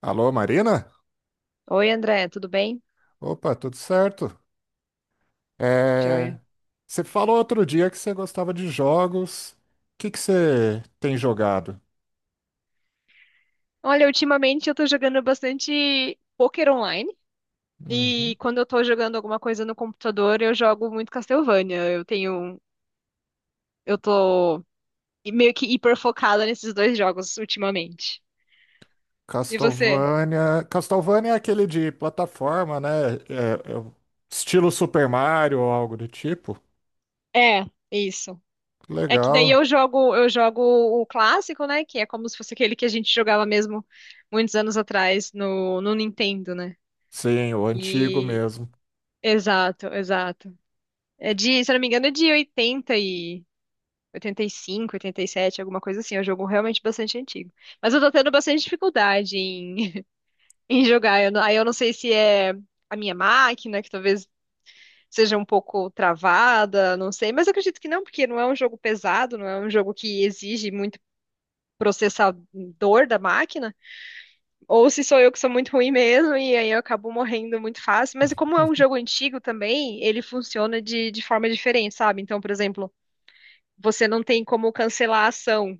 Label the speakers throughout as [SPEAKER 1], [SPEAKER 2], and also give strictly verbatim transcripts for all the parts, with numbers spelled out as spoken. [SPEAKER 1] Alô, Marina?
[SPEAKER 2] Oi, André, tudo bem?
[SPEAKER 1] Opa, tudo certo? É,
[SPEAKER 2] Joia.
[SPEAKER 1] Você falou outro dia que você gostava de jogos. O que que você tem jogado?
[SPEAKER 2] Olha, ultimamente eu tô jogando bastante poker online
[SPEAKER 1] Uhum.
[SPEAKER 2] e quando eu tô jogando alguma coisa no computador, eu jogo muito Castlevania. Eu tenho, eu tô meio que hiper focada nesses dois jogos ultimamente. E você?
[SPEAKER 1] Castlevania. Castlevania é aquele de plataforma, né? É- é o estilo Super Mario ou algo do tipo.
[SPEAKER 2] É, isso. É que daí
[SPEAKER 1] Legal.
[SPEAKER 2] eu jogo, eu jogo, o clássico, né, que é como se fosse aquele que a gente jogava mesmo muitos anos atrás no no Nintendo, né?
[SPEAKER 1] Sim, o antigo
[SPEAKER 2] E
[SPEAKER 1] mesmo.
[SPEAKER 2] exato, exato. É de, se eu não me engano, é de oitenta e oitenta e cinco, oitenta e sete, alguma coisa assim. É um jogo realmente bastante antigo. Mas eu tô tendo bastante dificuldade em, em jogar. Eu não- Aí eu não sei se é a minha máquina, que talvez seja um pouco travada, não sei. Mas eu acredito que não, porque não é um jogo pesado, não é um jogo que exige muito processador da máquina. Ou se sou eu que sou muito ruim mesmo, e aí eu acabo morrendo muito fácil. Mas como é um jogo antigo também, ele funciona de, de forma diferente, sabe? Então, por exemplo, você não tem como cancelar a ação,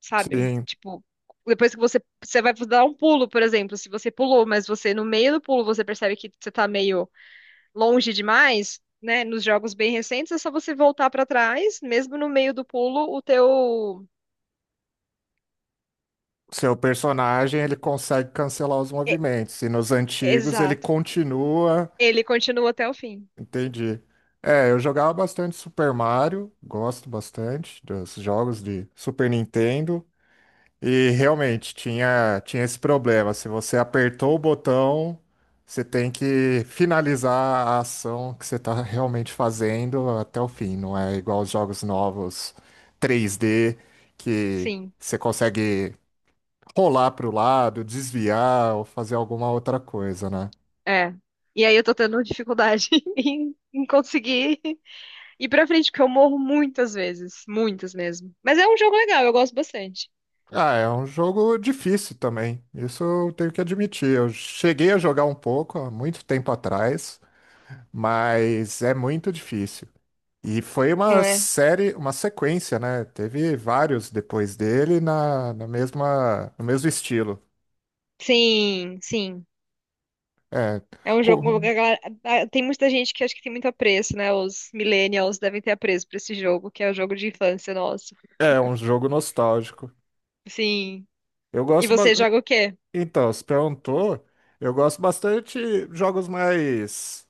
[SPEAKER 2] sabe?
[SPEAKER 1] Sim,
[SPEAKER 2] Tipo, depois que você, você vai dar um pulo, por exemplo, se você pulou, mas você no meio do pulo você percebe que você tá meio longe demais, né? Nos jogos bem recentes é só você voltar pra trás, mesmo no meio do pulo, o teu
[SPEAKER 1] seu personagem ele consegue cancelar os
[SPEAKER 2] e-
[SPEAKER 1] movimentos. E nos antigos ele
[SPEAKER 2] exato.
[SPEAKER 1] continua.
[SPEAKER 2] Ele continua até o fim.
[SPEAKER 1] Entendi. É, eu jogava bastante Super Mario, gosto bastante dos jogos de Super Nintendo, e realmente tinha, tinha esse problema. Se você apertou o botão, você tem que finalizar a ação que você está realmente fazendo até o fim. Não é igual os jogos novos três D, que
[SPEAKER 2] Sim,
[SPEAKER 1] você consegue rolar para o lado, desviar ou fazer alguma outra coisa, né?
[SPEAKER 2] é. E aí eu tô tendo dificuldade em, em conseguir ir pra frente, porque eu morro muitas vezes, muitas mesmo. Mas é um jogo legal, eu gosto bastante.
[SPEAKER 1] Ah, é um jogo difícil também. Isso eu tenho que admitir. Eu cheguei a jogar um pouco há muito tempo atrás, mas é muito difícil. E foi uma
[SPEAKER 2] É.
[SPEAKER 1] série, uma sequência, né? Teve vários depois dele na, na mesma, no mesmo estilo.
[SPEAKER 2] Sim, sim.
[SPEAKER 1] É,
[SPEAKER 2] É um jogo que
[SPEAKER 1] co-
[SPEAKER 2] a galera- ah, tem muita gente que acho que tem muito apreço, né? Os millennials devem ter apreço pra esse jogo, que é o jogo de infância nosso.
[SPEAKER 1] É um jogo nostálgico.
[SPEAKER 2] Sim.
[SPEAKER 1] Eu
[SPEAKER 2] E
[SPEAKER 1] gosto, ba-
[SPEAKER 2] você joga o quê?
[SPEAKER 1] Então, se perguntou, eu gosto bastante de jogos mais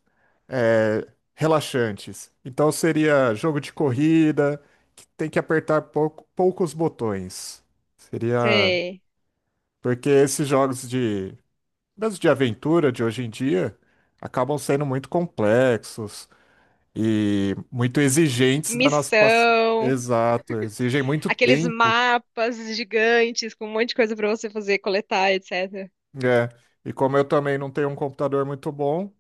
[SPEAKER 1] é, relaxantes. Então seria jogo de corrida, que tem que apertar pouco- poucos botões. Seria.
[SPEAKER 2] Você...
[SPEAKER 1] Porque esses jogos de, mesmo de aventura de hoje em dia acabam sendo muito complexos e muito exigentes da nossa paci-
[SPEAKER 2] Missão,
[SPEAKER 1] Exato, exigem muito
[SPEAKER 2] aqueles
[SPEAKER 1] tempo,
[SPEAKER 2] mapas gigantes com um monte de coisa pra você fazer, coletar, etcétera.
[SPEAKER 1] né? E como eu também não tenho um computador muito bom,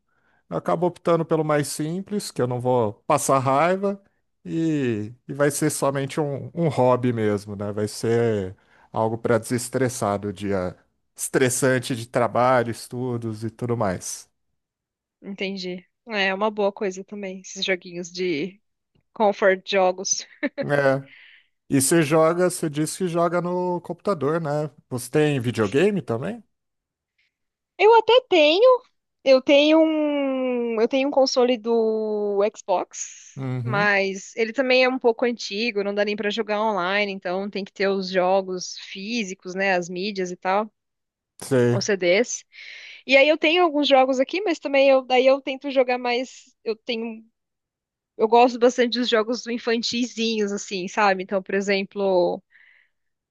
[SPEAKER 1] eu acabo optando pelo mais simples, que eu não vou passar raiva e, e vai ser somente um, um hobby mesmo, né? Vai ser algo para desestressar do dia estressante de trabalho, estudos e tudo mais.
[SPEAKER 2] Entendi. É é uma boa coisa também, esses joguinhos de comfort jogos.
[SPEAKER 1] É. E você joga, você disse que joga no computador, né? Você tem videogame também?
[SPEAKER 2] Eu até tenho. Eu tenho um, eu tenho um console do Xbox,
[SPEAKER 1] Uhum.
[SPEAKER 2] mas ele também é um pouco antigo, não dá nem pra jogar online, então tem que ter os jogos físicos, né, as mídias e tal,
[SPEAKER 1] Sei.
[SPEAKER 2] os C Ds. E aí eu tenho alguns jogos aqui, mas também eu, daí eu tento jogar mais, eu tenho, eu gosto bastante dos jogos infantizinhos assim, sabe? Então, por exemplo,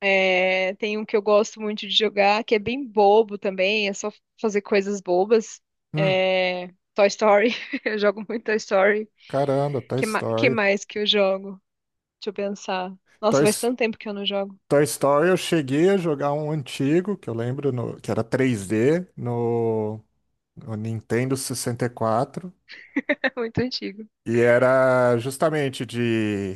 [SPEAKER 2] é, tem um que eu gosto muito de jogar, que é bem bobo também, é só fazer coisas bobas.
[SPEAKER 1] Hum,
[SPEAKER 2] É, Toy Story, eu jogo muito Toy Story.
[SPEAKER 1] caramba, Toy
[SPEAKER 2] Que, ma- que
[SPEAKER 1] Story.
[SPEAKER 2] mais que eu jogo? Deixa eu pensar. Nossa,
[SPEAKER 1] Toy,
[SPEAKER 2] faz
[SPEAKER 1] S-
[SPEAKER 2] tanto tempo que eu não jogo.
[SPEAKER 1] Toy Story eu cheguei a jogar um antigo, que eu lembro no- que era três D, no o Nintendo sessenta e quatro,
[SPEAKER 2] É muito
[SPEAKER 1] e quatro.
[SPEAKER 2] antigo.
[SPEAKER 1] E era justamente de,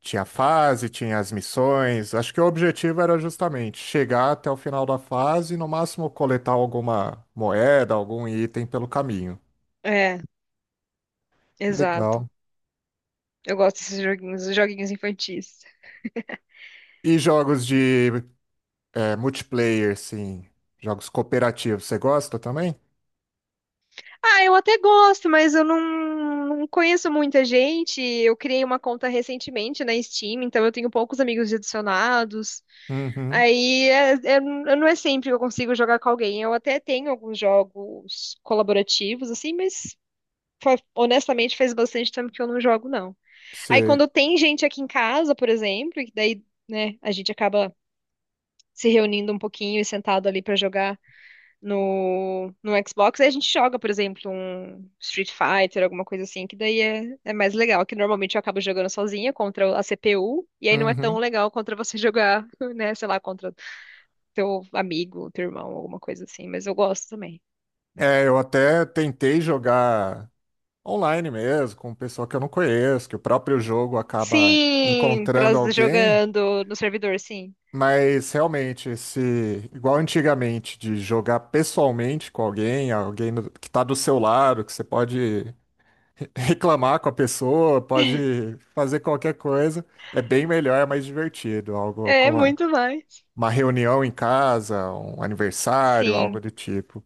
[SPEAKER 1] tinha fase, tinha as missões. Acho que o objetivo era justamente chegar até o final da fase e, no máximo, coletar alguma moeda, algum item pelo caminho.
[SPEAKER 2] É, exato.
[SPEAKER 1] Legal.
[SPEAKER 2] Eu gosto desses joguinhos, os joguinhos infantis.
[SPEAKER 1] E jogos de é, multiplayer, sim. Jogos cooperativos. Você gosta também?
[SPEAKER 2] Ah, eu até gosto, mas eu não, não conheço muita gente. Eu criei uma conta recentemente na Steam, então eu tenho poucos amigos adicionados.
[SPEAKER 1] Uhum.
[SPEAKER 2] Aí é, é- eu não é sempre que eu consigo jogar com alguém. Eu até tenho alguns jogos colaborativos, assim, mas fa- honestamente faz bastante tempo que eu não jogo, não. Aí
[SPEAKER 1] Você.
[SPEAKER 2] quando tem gente aqui em casa, por exemplo, que daí, né, a gente acaba se reunindo um pouquinho e sentado ali pra jogar no, no Xbox, aí a gente joga, por exemplo, um Street Fighter, alguma coisa assim, que daí é, é mais legal, que normalmente eu acabo jogando sozinha contra a C P U, e aí não é tão
[SPEAKER 1] Uhum.
[SPEAKER 2] legal contra você jogar, né, sei lá, contra teu amigo, teu irmão, alguma coisa assim, mas eu gosto também.
[SPEAKER 1] É, eu até tentei jogar online mesmo, com pessoa que eu não conheço, que o próprio jogo acaba
[SPEAKER 2] Sim,
[SPEAKER 1] encontrando
[SPEAKER 2] traz
[SPEAKER 1] alguém,
[SPEAKER 2] jogando no servidor, sim.
[SPEAKER 1] mas realmente esse, igual antigamente, de jogar pessoalmente com alguém, alguém do- que está do seu lado, que você pode reclamar com a pessoa, pode fazer qualquer coisa, é bem melhor, é mais divertido, algo
[SPEAKER 2] É
[SPEAKER 1] como
[SPEAKER 2] muito mais.
[SPEAKER 1] uma reunião em casa, um aniversário, algo
[SPEAKER 2] Sim,
[SPEAKER 1] do tipo.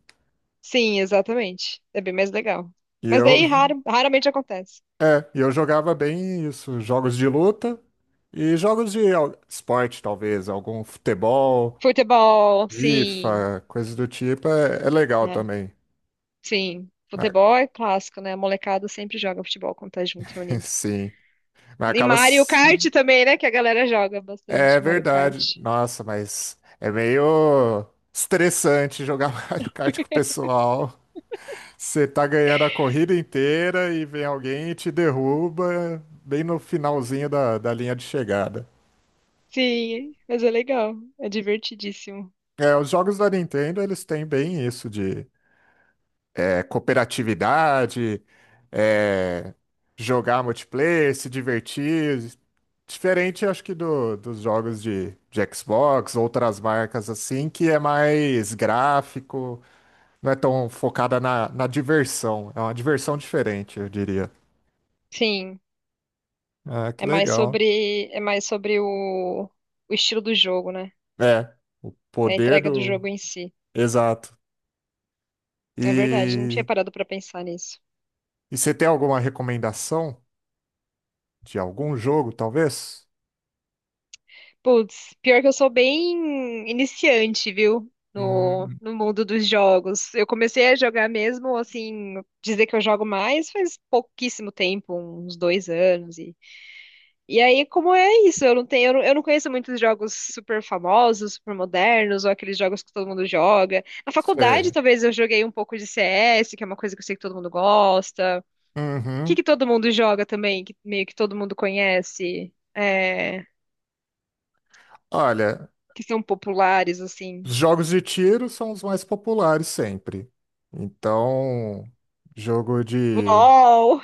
[SPEAKER 2] sim, exatamente. É bem mais legal.
[SPEAKER 1] E
[SPEAKER 2] Mas
[SPEAKER 1] eu
[SPEAKER 2] daí raro, raramente acontece.
[SPEAKER 1] É, e eu jogava bem isso, jogos de luta e jogos de al- esporte, talvez, algum futebol,
[SPEAKER 2] Futebol, sim.
[SPEAKER 1] FIFA, coisas do tipo, é, é legal
[SPEAKER 2] É,
[SPEAKER 1] também.
[SPEAKER 2] sim.
[SPEAKER 1] Mas-
[SPEAKER 2] Futebol é clássico, né? A molecada sempre joga futebol quando tá junto, reunido.
[SPEAKER 1] sim, mas
[SPEAKER 2] E
[SPEAKER 1] acaba.
[SPEAKER 2] Mario
[SPEAKER 1] Se-
[SPEAKER 2] Kart também, né? Que a galera joga
[SPEAKER 1] É
[SPEAKER 2] bastante. Mario Kart.
[SPEAKER 1] verdade, nossa, mas é meio estressante jogar Mario Kart com o pessoal. Você tá ganhando a corrida inteira e vem alguém e te derruba bem no finalzinho da, da linha de chegada.
[SPEAKER 2] Sim, mas é legal. É divertidíssimo.
[SPEAKER 1] É, os jogos da Nintendo, eles têm bem isso de é, cooperatividade, é, jogar multiplayer, se divertir. Diferente, acho que, do- dos jogos de, de Xbox, outras marcas assim, que é mais gráfico, não é tão focada na, na diversão. É uma diversão diferente, eu diria.
[SPEAKER 2] Sim.
[SPEAKER 1] Ah,
[SPEAKER 2] É
[SPEAKER 1] que
[SPEAKER 2] mais
[SPEAKER 1] legal.
[SPEAKER 2] sobre, é mais sobre o, o estilo do jogo, né?
[SPEAKER 1] É, o
[SPEAKER 2] É a
[SPEAKER 1] poder
[SPEAKER 2] entrega do
[SPEAKER 1] do.
[SPEAKER 2] jogo em si.
[SPEAKER 1] Exato.
[SPEAKER 2] É verdade, não tinha
[SPEAKER 1] E,
[SPEAKER 2] parado pra pensar nisso.
[SPEAKER 1] e você tem alguma recomendação de algum jogo, talvez?
[SPEAKER 2] Putz, pior que eu sou bem iniciante, viu? No,
[SPEAKER 1] Hum,
[SPEAKER 2] no mundo dos jogos. Eu comecei a jogar mesmo, assim, dizer que eu jogo mais faz pouquíssimo tempo, uns dois anos. E aí, como é isso? Eu não tenho, eu não, eu não conheço muitos jogos super famosos, super modernos, ou aqueles jogos que todo mundo joga. Na faculdade,
[SPEAKER 1] sei.
[SPEAKER 2] talvez eu joguei um pouco de C S, que é uma coisa que eu sei que todo mundo gosta. O que que todo mundo joga também, que meio que todo mundo conhece, é,
[SPEAKER 1] Olha,
[SPEAKER 2] que são populares, assim.
[SPEAKER 1] os jogos de tiro são os mais populares sempre. Então, jogo de.
[SPEAKER 2] LOL!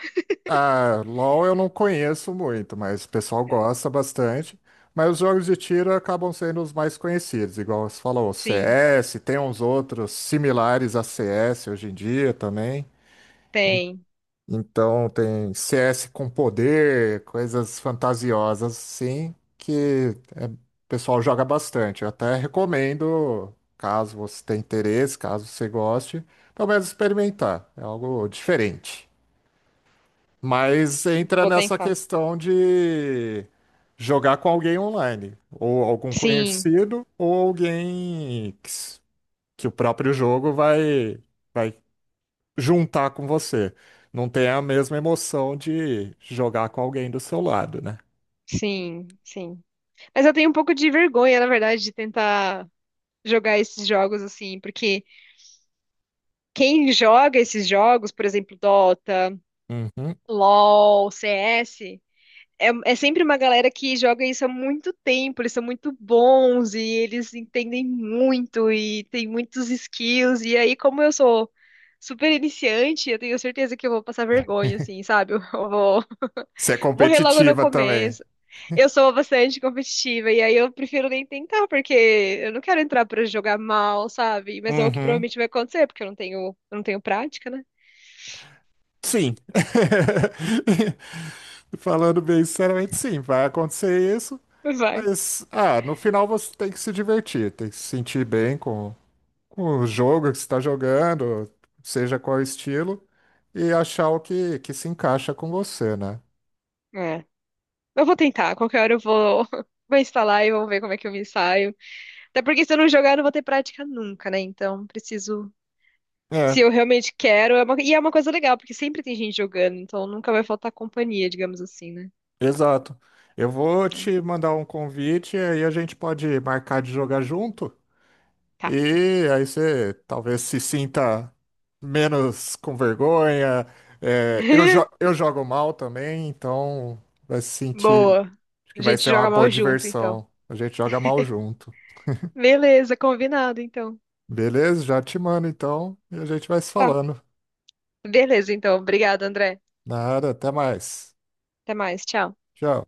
[SPEAKER 1] Ah, LoL eu não conheço muito, mas o pessoal gosta bastante. Mas os jogos de tiro acabam sendo os mais conhecidos, igual você falou,
[SPEAKER 2] Sim,
[SPEAKER 1] C S, tem uns outros similares a C S hoje em dia também.
[SPEAKER 2] tem.
[SPEAKER 1] Então tem C S com poder, coisas fantasiosas assim, que é, o pessoal joga bastante. Eu até recomendo, caso você tenha interesse, caso você goste, pelo menos experimentar. É algo diferente. Mas entra
[SPEAKER 2] Vou
[SPEAKER 1] nessa
[SPEAKER 2] tentar.
[SPEAKER 1] questão de jogar com alguém online, ou algum
[SPEAKER 2] Sim,
[SPEAKER 1] conhecido, ou alguém que, s- que o próprio jogo vai, vai juntar com você. Não tem a mesma emoção de jogar com alguém do seu lado, né?
[SPEAKER 2] sim, sim. Mas eu tenho um pouco de vergonha, na verdade, de tentar jogar esses jogos assim, porque quem joga esses jogos, por exemplo, Dota,
[SPEAKER 1] Uhum.
[SPEAKER 2] LoL, C S, é, é sempre uma galera que joga isso há muito tempo, eles são muito bons e eles entendem muito e tem muitos skills. E aí, como eu sou super iniciante, eu tenho certeza que eu vou passar vergonha, assim, sabe? Eu vou
[SPEAKER 1] Ser
[SPEAKER 2] morrer logo no
[SPEAKER 1] competitiva também.
[SPEAKER 2] começo. Eu sou bastante competitiva e aí eu prefiro nem tentar, porque eu não quero entrar pra jogar mal, sabe? Mas é o que
[SPEAKER 1] Uhum.
[SPEAKER 2] provavelmente vai acontecer, porque eu não tenho, eu não tenho prática, né?
[SPEAKER 1] Sim. Falando bem sinceramente, sim, vai acontecer isso,
[SPEAKER 2] Vai.
[SPEAKER 1] mas ah, no final você tem que se divertir, tem que se sentir bem com, com o jogo que você está jogando, seja qual estilo, e achar o que, que se encaixa com você, né?
[SPEAKER 2] É. Eu vou tentar. Qualquer hora eu vou, vou instalar e vou ver como é que eu me saio. Até porque se eu não jogar, eu não vou ter prática nunca, né? Então, preciso. Se
[SPEAKER 1] É.
[SPEAKER 2] eu realmente quero. é uma- E é uma coisa legal, porque sempre tem gente jogando, então nunca vai faltar companhia, digamos assim, né?
[SPEAKER 1] Exato. Eu vou
[SPEAKER 2] É.
[SPEAKER 1] te mandar um convite e aí a gente pode marcar de jogar junto.
[SPEAKER 2] Tá.
[SPEAKER 1] E aí você talvez se sinta menos com vergonha. É, eu, jo- eu jogo mal também, então vai se sentir
[SPEAKER 2] Boa.
[SPEAKER 1] acho que
[SPEAKER 2] A
[SPEAKER 1] vai
[SPEAKER 2] gente
[SPEAKER 1] ser uma
[SPEAKER 2] joga
[SPEAKER 1] boa
[SPEAKER 2] mal junto, então.
[SPEAKER 1] diversão. A gente joga mal junto.
[SPEAKER 2] Beleza, combinado, então.
[SPEAKER 1] Beleza? Já te mando então e a gente vai se
[SPEAKER 2] Tá.
[SPEAKER 1] falando.
[SPEAKER 2] Beleza, então. Obrigada, André.
[SPEAKER 1] Nada, até mais.
[SPEAKER 2] Até mais. Tchau.
[SPEAKER 1] Tchau.